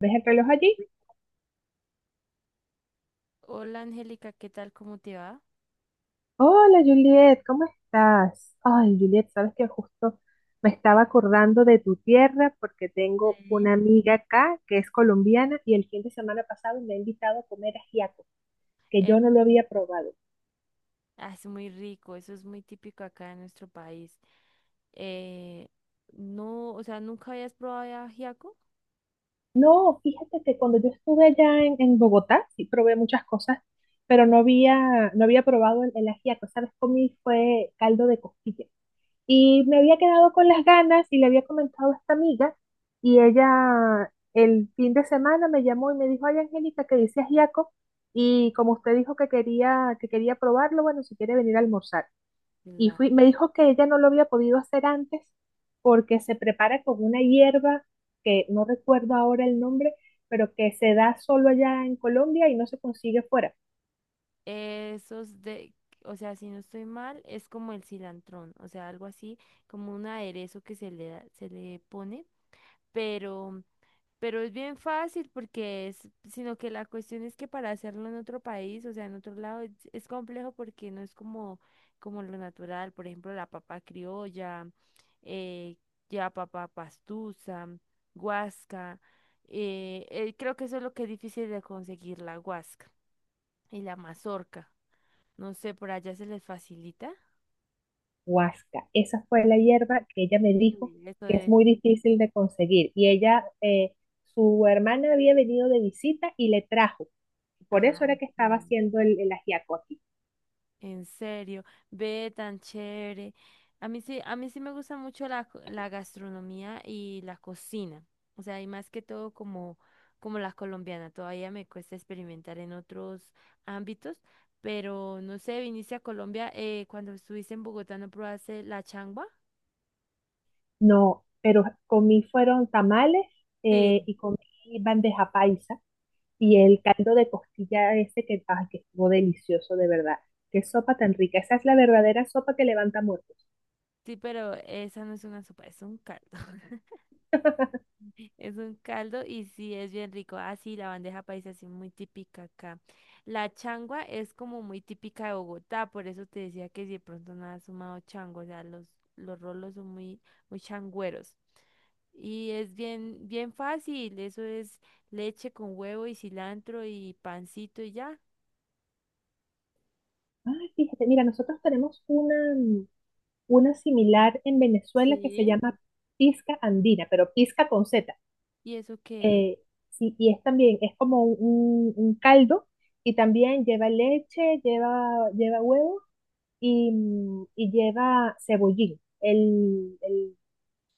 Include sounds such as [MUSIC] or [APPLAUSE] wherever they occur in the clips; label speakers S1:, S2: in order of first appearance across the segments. S1: ¿Ves el reloj allí?
S2: Hola Angélica, ¿qué tal? ¿Cómo te va?
S1: Hola Juliet, ¿cómo estás? Ay, Juliet, sabes que justo me estaba acordando de tu tierra porque tengo una amiga acá que es colombiana y el fin de semana pasado me ha invitado a comer ajiaco, que
S2: Eh,
S1: yo no lo había probado.
S2: ah, es muy rico, eso es muy típico acá en nuestro país. Eh, no, o sea, ¿nunca habías probado el ajiaco?
S1: No, fíjate que cuando yo estuve allá en Bogotá, sí probé muchas cosas, pero no había probado el ajiaco. ¿Sabes? Comí fue caldo de costilla. Y me había quedado con las ganas y le había comentado a esta amiga y ella el fin de semana me llamó y me dijo, ay Angélica, que dice ajiaco y como usted dijo que que quería probarlo, bueno, si quiere venir a almorzar. Y
S2: La-
S1: fui, me dijo que ella no lo había podido hacer antes porque se prepara con una hierba que no recuerdo ahora el nombre, pero que se da solo allá en Colombia y no se consigue fuera.
S2: Esos de, o sea, si no estoy mal, es como el cilantrón, o sea, algo así, como un aderezo que se le pone, pero Pero es bien fácil porque sino que la cuestión es que para hacerlo en otro país, o sea, en otro lado, es complejo porque no es como lo natural, por ejemplo, la papa criolla, eh, ya papa pastusa, guasca, creo que eso es lo que es difícil de conseguir, la guasca y la mazorca. No sé, por allá se les facilita.
S1: Huasca. Esa fue la hierba que ella me dijo
S2: Eso
S1: que es
S2: de.
S1: muy difícil de conseguir. Y ella, su hermana había venido de visita y le trajo. Por eso
S2: Ah,
S1: era que estaba
S2: claro.
S1: haciendo el ajiaco aquí.
S2: En serio, ve tan chévere. A mí sí, me gusta mucho la gastronomía y la cocina. O sea, y más que todo como la colombiana. Todavía me cuesta experimentar en otros ámbitos, pero no sé, viniste a Colombia, cuando estuviste en Bogotá, ¿no probaste la changua?
S1: No, pero comí fueron tamales
S2: Sí.
S1: y comí bandeja paisa y
S2: Mm,
S1: el caldo de costilla ese que, ay, que estuvo delicioso de verdad. Qué sopa tan rica. Esa es la verdadera sopa que levanta muertos.
S2: sí, pero esa no es una sopa, es un caldo. [LAUGHS] Es un caldo y sí, es bien rico. Ah, sí, la bandeja paisa es muy típica acá. La changua es como muy típica de Bogotá, por eso te decía que si de pronto no has sumado chango, o sea, los rolos son muy, muy changüeros. Y es bien, bien fácil, eso es leche con huevo y cilantro y pancito y ya.
S1: Ay, fíjate, mira, nosotros tenemos una, una similar en Venezuela que se
S2: Sí.
S1: llama pizca andina, pero pizca con Z.
S2: ¿Y eso qué es?
S1: Eh, sí, y es también, es como un caldo y también lleva leche, lleva huevo y, y lleva cebollín.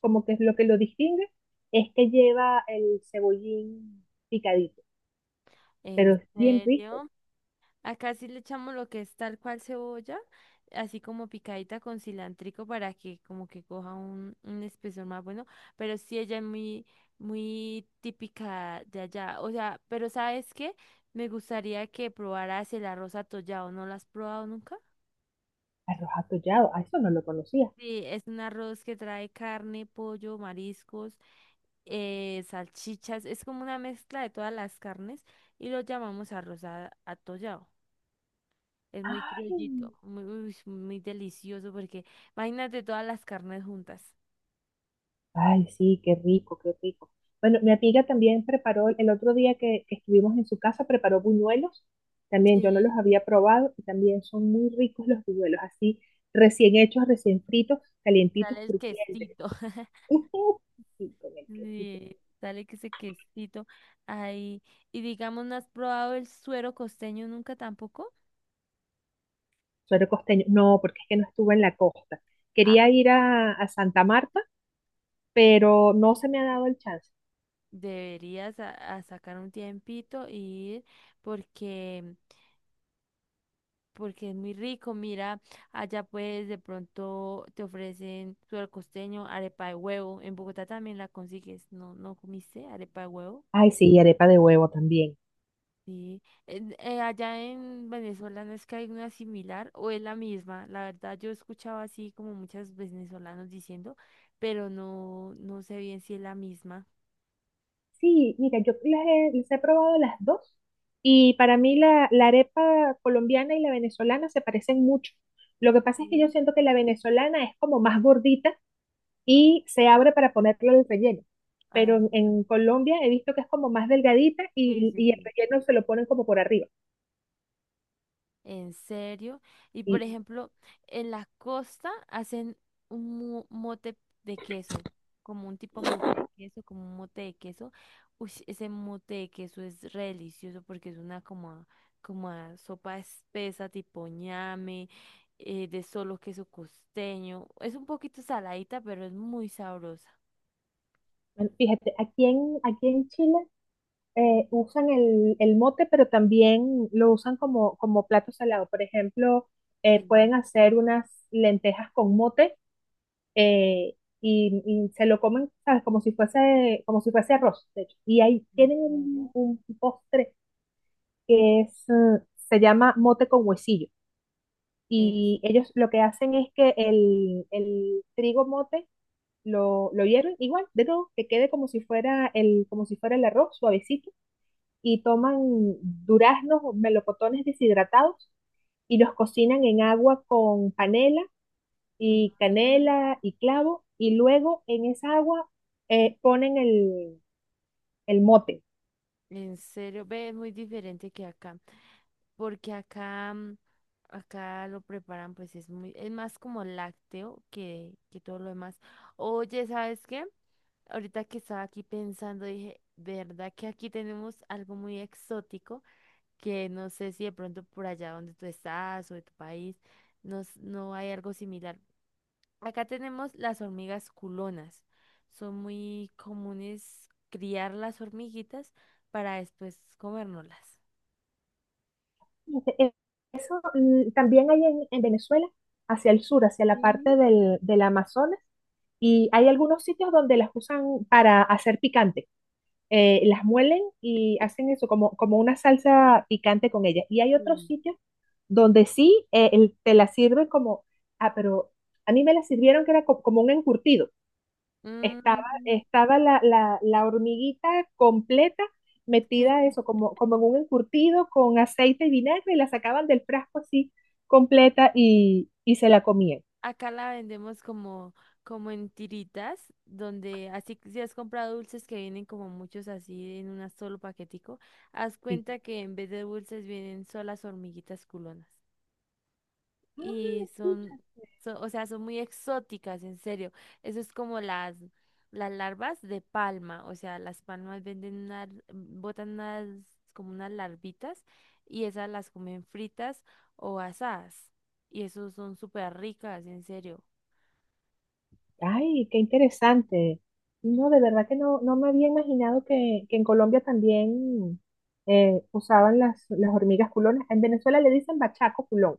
S1: Como que es lo que lo distingue es que lleva el cebollín picadito,
S2: ¿En
S1: pero es bien rico.
S2: serio? Acá sí le echamos lo que es tal cual cebolla, así como picadita con cilantrico para que como que coja un espesor más bueno, pero sí ella es muy, muy típica de allá. O sea, pero ¿sabes qué? Me gustaría que probaras el arroz atollado, ¿no lo has probado nunca?
S1: Arroz atollado, a eso no lo conocía.
S2: Sí, es un arroz que trae carne, pollo, mariscos, salchichas, es como una mezcla de todas las carnes y lo llamamos atollado. Es muy
S1: ¡Ay!
S2: criollito, muy, uy, muy delicioso porque imagínate todas las carnes juntas.
S1: Ay, sí, qué rico, qué rico. Bueno, mi amiga también preparó, el otro día que estuvimos en su casa, preparó buñuelos. También yo no los
S2: Sí.
S1: había probado y también son muy ricos los buñuelos, así recién hechos, recién fritos,
S2: Y que
S1: calientitos,
S2: sale el
S1: crujientes.
S2: quesito. [LAUGHS]
S1: [LAUGHS] Sí, con el quesito.
S2: Sí, sale que ese quesito ahí. Y digamos, ¿no has probado el suero costeño nunca tampoco?
S1: Suero costeño. No, porque es que no estuve en la costa.
S2: Ah,
S1: Quería ir a Santa Marta, pero no se me ha dado el chance.
S2: deberías a sacar un tiempito y ir porque, porque es muy rico. Mira, allá pues de pronto te ofrecen suero costeño, arepa de huevo. En Bogotá también la consigues. ¿No, no comiste arepa de huevo?
S1: Ay, sí, y arepa de huevo también.
S2: Sí. En- allá en Venezuela no es que hay una similar o es la misma. La verdad, yo escuchaba así como muchos venezolanos diciendo, pero no, no sé bien si es la misma.
S1: Sí, mira, yo las he probado las dos y para mí la arepa colombiana y la venezolana se parecen mucho. Lo que pasa es que yo
S2: Sí.
S1: siento que la venezolana es como más gordita y se abre para ponerle el relleno,
S2: Ah,
S1: pero en Colombia he visto que es como más delgadita
S2: sí, sí,
S1: y el
S2: sí.
S1: relleno se lo ponen como por arriba.
S2: En serio. Y por
S1: Y
S2: ejemplo, en la costa hacen un mote de queso, como un tipo mote de queso, como un mote de queso. Uy, ese mote de queso es re delicioso porque es una como, como a sopa espesa, tipo ñame, de solo queso costeño. Es un poquito saladita, pero es muy sabrosa.
S1: bueno, fíjate, aquí en Chile usan el mote, pero también lo usan como, como plato salado. Por ejemplo,
S2: Sí,
S1: pueden hacer unas lentejas con mote eh, y se lo comen, ¿sabes? Como si fuese arroz, de hecho. Y ahí
S2: en
S1: tienen
S2: serio.
S1: un postre que es, se llama mote con huesillo.
S2: Es,
S1: Y ellos lo que hacen es que el trigo mote lo hierven igual, de todo, que quede como si fuera el, como si fuera el arroz suavecito, y toman
S2: Mm.
S1: duraznos, melocotones deshidratados y los cocinan en agua con panela y
S2: Mm,
S1: canela y clavo, y luego en esa agua ponen el mote.
S2: en serio, ve, es muy diferente que acá. Porque acá lo preparan, pues es más como lácteo que todo lo demás. Oye, ¿sabes qué? Ahorita que estaba aquí pensando, dije, ¿verdad que aquí tenemos algo muy exótico? Que no sé si de pronto por allá donde tú estás o de tu país, no, no hay algo similar. Acá tenemos las hormigas culonas. Son muy comunes criar las hormiguitas para después comérnoslas.
S1: E- Eso también hay en Venezuela, hacia el sur, hacia la parte
S2: Sí,
S1: del Amazonas, y hay algunos sitios donde las usan para hacer picante. Las muelen y hacen eso como, como una salsa picante con ellas. Y hay otros
S2: sí.
S1: sitios donde sí te la sirven como, ah, pero a mí me la sirvieron que era como un encurtido.
S2: Mm,
S1: Estaba la hormiguita completa metida
S2: sí.
S1: eso, como, como en un encurtido con aceite y vinagre, y la sacaban del frasco así completa y se la comían.
S2: Acá la vendemos como, como en tiritas, donde así que si has comprado dulces que vienen como muchos así en un solo paquetico, haz
S1: Y,
S2: cuenta que en vez de dulces vienen solas hormiguitas culonas.
S1: ah,
S2: Y
S1: sí,
S2: o sea, son muy exóticas, en serio. Eso es como las larvas de palma, o sea, las palmas venden unas, botan unas, como unas larvitas y esas las comen fritas o asadas. Y eso son súper ricas, en serio.
S1: ay, qué interesante. No, de verdad que no me había imaginado que en Colombia también usaban las hormigas culonas. En Venezuela le dicen bachaco culón,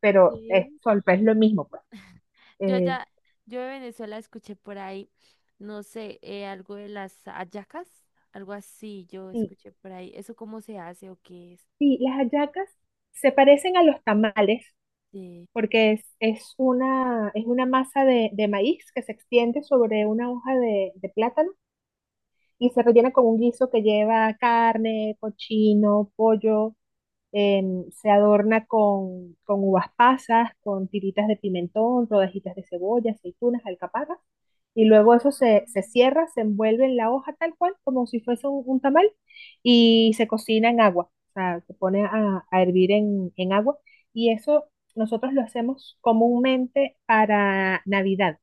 S1: pero es,
S2: Sí.
S1: es lo mismo, pues.
S2: Yo
S1: Eh,
S2: allá yo de Venezuela escuché por ahí, no sé, algo de las hallacas, algo así, yo
S1: sí,
S2: escuché por ahí. ¿Eso cómo se hace o qué es?
S1: Sí, las hallacas se parecen a los tamales
S2: Sí.
S1: porque es una masa de maíz que se extiende sobre una hoja de plátano y se rellena con un guiso que lleva carne, cochino, pollo em, se adorna con uvas pasas, con tiritas de pimentón, rodajitas de cebolla, aceitunas, alcaparras, y luego
S2: Ah,
S1: se cierra, se envuelve en la hoja tal cual, como si fuese un tamal, y se cocina en agua, o sea, se pone a hervir en agua, y eso nosotros lo hacemos comúnmente para Navidad.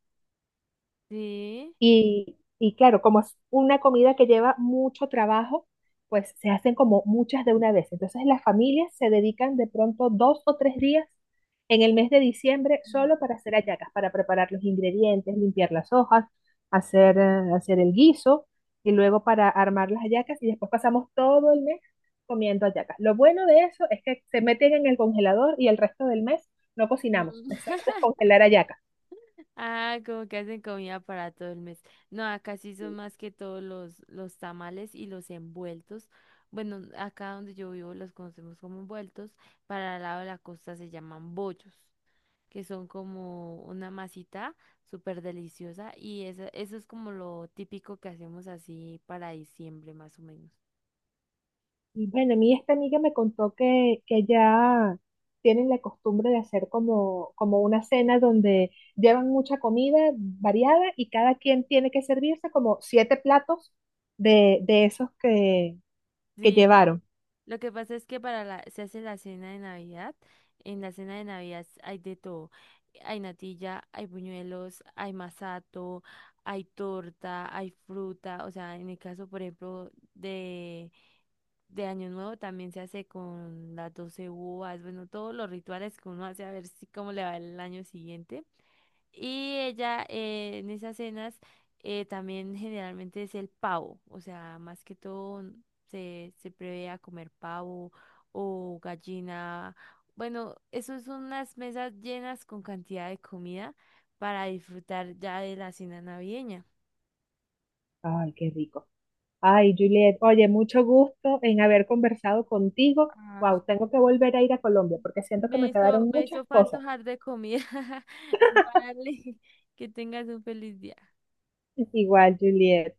S2: sí.
S1: Y claro, como es una comida que lleva mucho trabajo, pues se hacen como muchas de una vez. Entonces las familias se dedican de pronto 2 o 3 días en el mes de diciembre
S2: Mm.
S1: solo para hacer hallacas, para preparar los ingredientes, limpiar las hojas, hacer, hacer el guiso y luego para armar las hallacas y después pasamos todo el mes comiendo hallacas. Lo bueno de eso es que se meten en el congelador y el resto del mes no cocinamos,
S2: Mm.
S1: es solo
S2: [LAUGHS]
S1: descongelar hallacas.
S2: Ah, como que hacen comida para todo el mes. No, acá sí son más que todos los tamales y los envueltos. Bueno, acá donde yo vivo los conocemos como envueltos. Para el lado de la costa se llaman bollos, que son como una masita súper deliciosa y eso es como lo típico que hacemos así para diciembre más o menos.
S1: Y bueno, a mí esta amiga me contó que ya tienen la costumbre de hacer como, como una cena donde llevan mucha comida variada y cada quien tiene que servirse como siete platos de esos que
S2: Sí,
S1: llevaron.
S2: lo que pasa es que para la, se hace la cena de Navidad, en la cena de Navidad hay de todo. Hay natilla, hay buñuelos, hay masato, hay torta, hay fruta, o sea, en el caso, por ejemplo, de Año Nuevo también se hace con las 12 uvas, bueno, todos los rituales que uno hace a ver si cómo le va el año siguiente. Y ella, en esas cenas, también generalmente es el pavo, o sea, más que todo se prevé a comer pavo o gallina. Bueno, eso son unas mesas llenas con cantidad de comida para disfrutar ya de la cena navideña.
S1: Ay, qué rico. Ay, Juliet, oye, mucho gusto en haber conversado contigo.
S2: Ay,
S1: Wow, tengo que volver a ir a Colombia porque siento que
S2: Me
S1: me
S2: hizo,
S1: quedaron
S2: me
S1: muchas
S2: hizo
S1: cosas.
S2: fantojar de comida. [LAUGHS] Vale, que tengas un feliz día.
S1: [LAUGHS] Igual, Juliet.